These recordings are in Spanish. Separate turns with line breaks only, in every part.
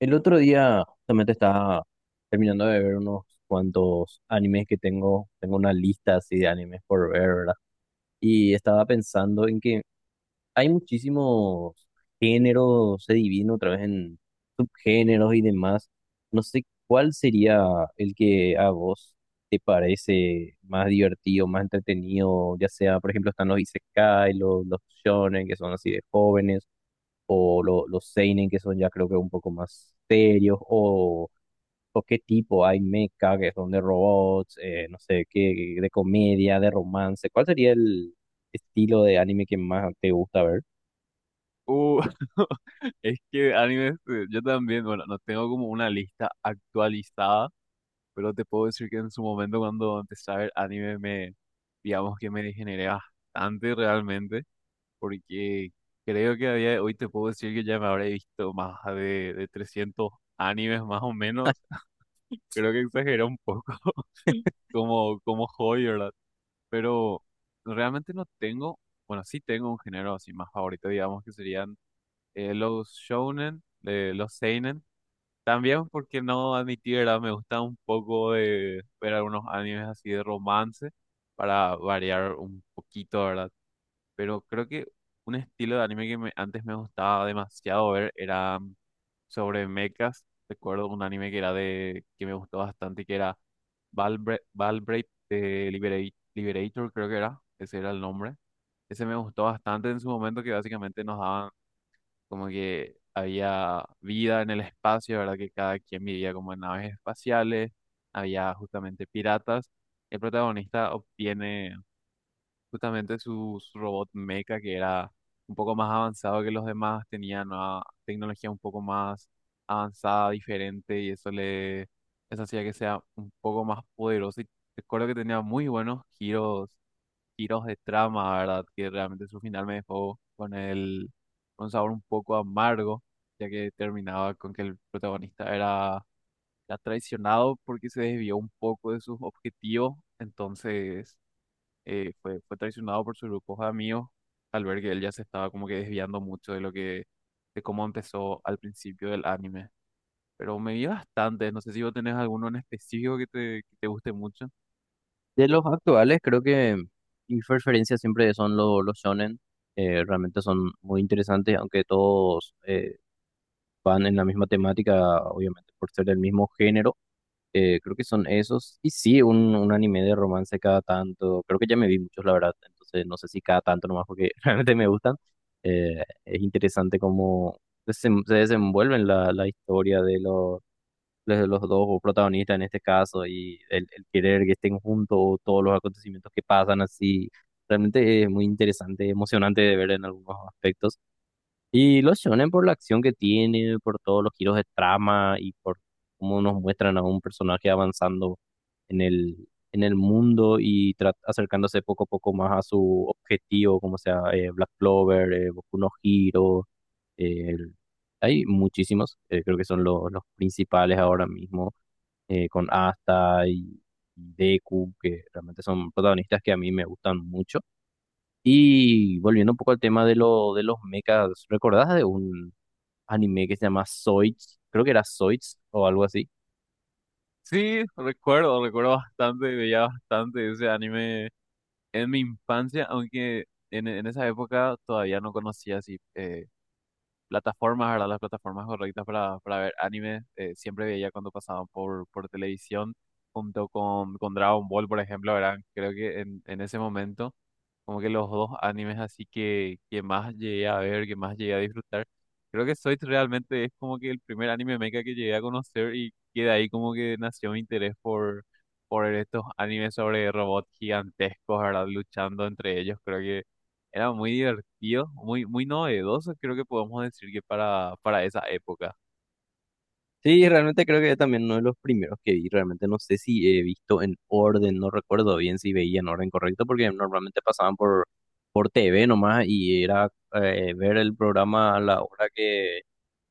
El otro día justamente estaba terminando de ver unos cuantos animes que tengo una lista así de animes por ver, ¿verdad? Y estaba pensando en que hay muchísimos géneros, se divide otra vez en subgéneros y demás. No sé cuál sería el que a vos te parece más divertido, más entretenido, ya sea, por ejemplo, están los isekai, los shonen, que son así de jóvenes o los seinen que son ya creo que un poco más serios o qué tipo hay mecha que son de robots, no sé, qué de comedia, de romance. ¿Cuál sería el estilo de anime que más te gusta ver?
Uh, es que animes, yo también, bueno, no tengo como una lista actualizada, pero te puedo decir que en su momento cuando empecé a ver anime digamos que me degeneré bastante realmente, porque creo que a día de hoy te puedo decir que ya me habré visto más de 300 animes más o menos. Creo que exageré un poco como hobby, ¿verdad? Pero realmente no tengo, bueno, sí tengo un género así más favorito, digamos que serían los shounen, los seinen. También porque no admití, ¿verdad? Me gusta un poco de ver algunos animes así de romance para variar un poquito, ¿verdad? Pero creo que un estilo de anime antes me gustaba demasiado ver era sobre mechas. Recuerdo un anime que era de que me gustó bastante, que era Valbrave de Liberator, creo que era. Ese era el nombre. Ese me gustó bastante en su momento, que básicamente nos daban como que había vida en el espacio, ¿verdad? Que cada quien vivía como en naves espaciales, había justamente piratas. El protagonista obtiene justamente su robot mecha, que era un poco más avanzado que los demás, tenía nueva tecnología un poco más avanzada, diferente, y eso hacía que sea un poco más poderoso. Y recuerdo que tenía muy buenos giros de trama, ¿verdad? Que realmente su final me dejó con un sabor un poco amargo, ya que terminaba con que el protagonista era traicionado porque se desvió un poco de sus objetivos, entonces fue traicionado por sus grupos de amigos al ver que él ya se estaba como que desviando mucho de de cómo empezó al principio del anime. Pero me vi bastante, no sé si vos tenés alguno en específico que te guste mucho.
De los actuales, creo que mis preferencias siempre son los shonen. Realmente son muy interesantes, aunque todos van en la misma temática, obviamente por ser del mismo género. Creo que son esos. Y sí, un anime de romance cada tanto. Creo que ya me vi muchos, la verdad. Entonces, no sé si cada tanto nomás porque realmente me gustan. Es interesante cómo se desenvuelven la historia de los dos protagonistas en este caso y el querer que estén juntos, todos los acontecimientos que pasan así. Realmente es muy interesante, emocionante de ver en algunos aspectos. Y los shonen por la acción que tiene, por todos los giros de trama y por cómo nos muestran a un personaje avanzando en el, en el mundo y acercándose poco a poco más a su objetivo, como sea, Black Clover, Boku no Hero, eh, el- hay muchísimos, creo que son los principales ahora mismo, con Asta y Deku, que realmente son protagonistas que a mí me gustan mucho. Y volviendo un poco al tema de lo de los mechas, ¿recordás de un anime que se llama Zoids? Creo que era Zoids o algo así.
Sí, recuerdo bastante, veía bastante ese anime en mi infancia, aunque en esa época todavía no conocía así plataformas, ¿verdad? Las plataformas correctas para ver anime. Siempre veía cuando pasaban por televisión junto con Dragon Ball, por ejemplo, ¿verdad? Creo que en ese momento como que los dos animes así que más llegué a ver, que más llegué a disfrutar. Creo que Soy realmente es como que el primer anime mecha que llegué a conocer y que de ahí como que nació mi interés por estos animes sobre robots gigantescos, ¿verdad? Luchando entre ellos. Creo que era muy divertido, muy novedoso, creo que podemos decir que para esa época.
Sí, realmente creo que también uno de los primeros que vi. Realmente no sé si he visto en orden, no recuerdo bien si veía en orden correcto, porque normalmente pasaban por TV nomás y era ver el programa a la hora que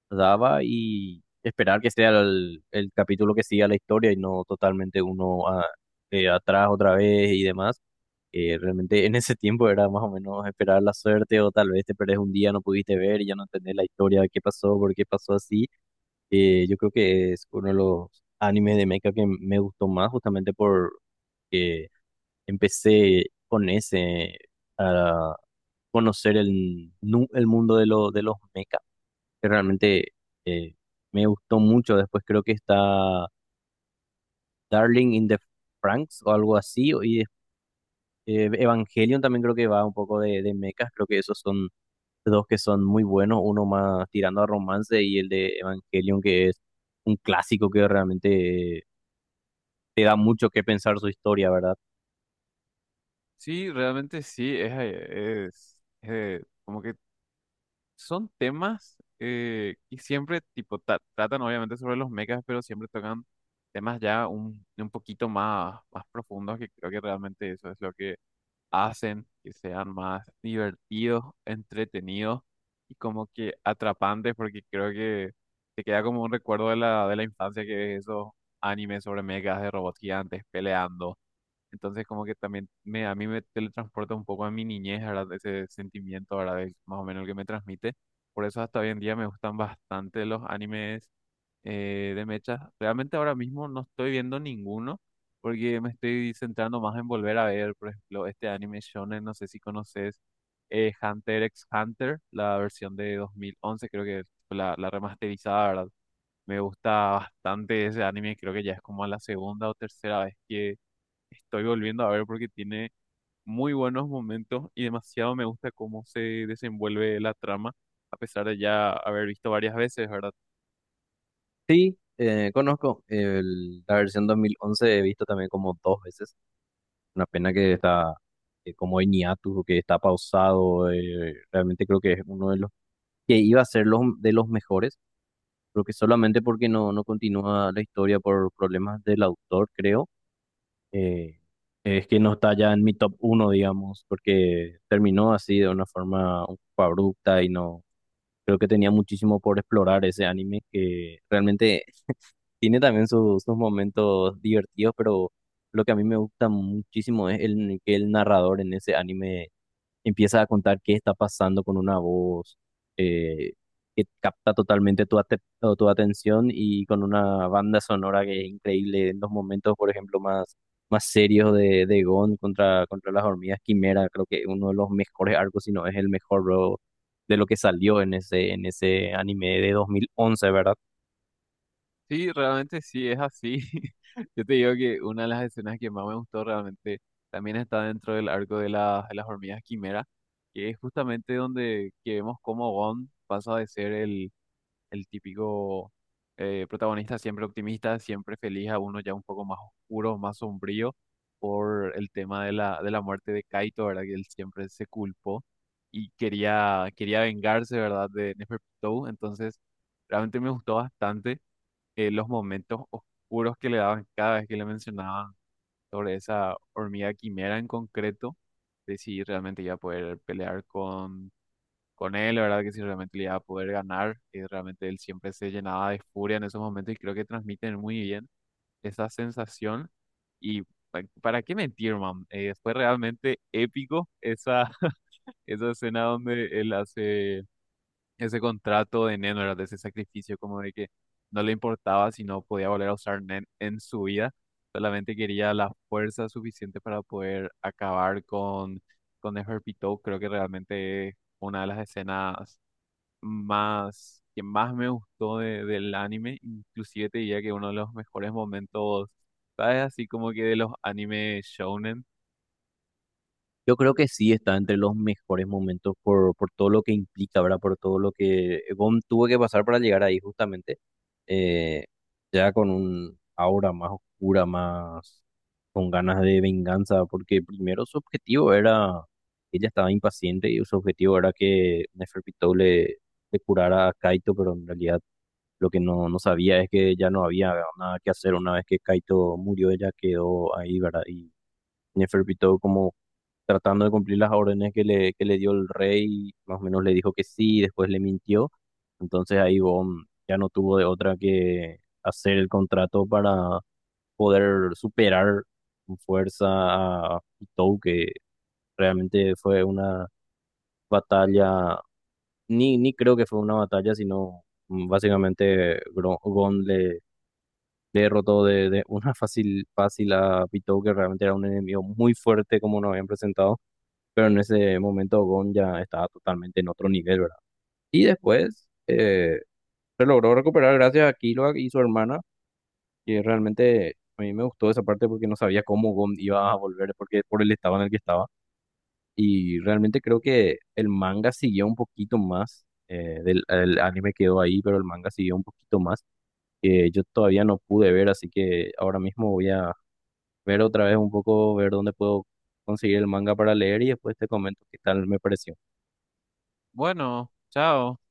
daba y esperar que sea el capítulo que siga la historia y no totalmente uno atrás otra vez y demás. Realmente en ese tiempo era más o menos esperar la suerte o tal vez te perdés un día, no pudiste ver y ya no entendés la historia, qué pasó, por qué pasó así. Yo creo que es uno de los animes de mecha que me gustó más justamente por que empecé con ese a conocer el mundo de los mecha, que realmente, eh, me gustó mucho. Después creo que está Darling in the Franks o algo así. Evangelion también creo que va un poco de mechas, creo que esos son dos que son muy buenos, uno más tirando a romance y el de Evangelion que es un clásico que realmente te da mucho que pensar su historia, ¿verdad?
Sí, realmente sí, es, como que son temas que siempre tipo tratan obviamente sobre los mechas, pero siempre tocan temas ya un poquito más profundos que creo que realmente eso es lo que hacen que sean más divertidos, entretenidos y como que atrapantes porque creo que te queda como un recuerdo de de la infancia que ves esos animes sobre mechas de robots gigantes peleando. Entonces como que también a mí me teletransporta un poco a mi niñez, ¿verdad? Ese sentimiento, ¿verdad? De más o menos el que me transmite. Por eso hasta hoy en día me gustan bastante los animes de mechas. Realmente ahora mismo no estoy viendo ninguno porque me estoy centrando más en volver a ver, por ejemplo, este anime shonen, no sé si conoces, Hunter x Hunter, la versión de 2011, creo que fue la remasterizada, ¿verdad? Me gusta bastante ese anime, creo que ya es como la segunda o tercera vez que estoy volviendo a ver porque tiene muy buenos momentos y demasiado me gusta cómo se desenvuelve la trama, a pesar de ya haber visto varias veces, ¿verdad?
Sí, conozco la versión 2011, he visto también como dos veces, una pena que está como en hiatus, que está pausado. Realmente creo que es uno de los que iba a ser de los mejores, creo que solamente porque no continúa la historia por problemas del autor, creo, eh, es que no está ya en mi top uno, digamos, porque terminó así de una forma un poco abrupta y no creo que tenía muchísimo por explorar ese anime que realmente tiene también sus momentos divertidos, pero lo que a mí me gusta muchísimo es el, que el narrador en ese anime empieza a contar qué está pasando con una voz, eh, que capta totalmente tu atención, y con una banda sonora que es increíble en los momentos, por ejemplo, más, más serios de Gon contra las hormigas Quimera. Creo que uno de los mejores arcos, si no es el mejor, bro, de lo que salió en ese anime de 2011, ¿verdad?
Sí, realmente sí es así. Yo te digo que una de las escenas que más me gustó realmente también está dentro del arco de las hormigas quimera, que es justamente donde que vemos cómo Gon pasa de ser el típico protagonista siempre optimista, siempre feliz, a uno ya un poco más oscuro, más sombrío, por el tema de de la muerte de Kaito, ¿verdad? Que él siempre se culpó y quería vengarse, ¿verdad? De Neferpitou. Entonces, realmente me gustó bastante los momentos oscuros que le daban cada vez que le mencionaban sobre esa hormiga quimera en concreto, de si realmente iba a poder pelear con él, la verdad que sí, realmente le iba a poder ganar. Y realmente él siempre se llenaba de furia en esos momentos y creo que transmiten muy bien esa sensación. Y para qué mentir, man, fue realmente épico esa, esa escena donde él hace ese contrato de Nen, ¿verdad? De ese sacrificio como de que no le importaba si no podía volver a usar Nen en su vida. Solamente quería la fuerza suficiente para poder acabar con Neferpitou. Creo que realmente es una de las escenas que más me gustó del anime, inclusive te diría que uno de los mejores momentos, ¿sabes? Así como que de los anime shounen.
Yo creo que sí está entre los mejores momentos por todo lo que implica, ¿verdad? Por todo lo que Gon tuvo que pasar para llegar ahí justamente, eh, ya con un aura más oscura, más con ganas de venganza, porque primero su objetivo era, ella estaba impaciente y su objetivo era que Neferpitou le curara a Kaito, pero en realidad lo que no sabía es que ya no había nada que hacer. Una vez que Kaito murió, ella quedó ahí, ¿verdad? Y Neferpitou, como tratando de cumplir las órdenes que le dio el rey, más o menos le dijo que sí, después le mintió. Entonces ahí Gon ya no tuvo de otra que hacer el contrato para poder superar con fuerza a Hitou, que realmente fue una batalla. Ni creo que fue una batalla, sino básicamente Gon le derrotó de una fácil, fácil a Pitou, que realmente era un enemigo muy fuerte como nos habían presentado, pero en ese momento Gon ya estaba totalmente en otro nivel, ¿verdad? Y después, se logró recuperar gracias a Killua y su hermana, y realmente a mí me gustó esa parte porque no sabía cómo Gon iba a volver, porque, por el estado en el que estaba. Y realmente creo que el manga siguió un poquito más, el anime quedó ahí, pero el manga siguió un poquito más, que yo todavía no pude ver, así que ahora mismo voy a ver otra vez un poco, ver dónde puedo conseguir el manga para leer y después te comento qué tal me pareció.
Bueno, chao.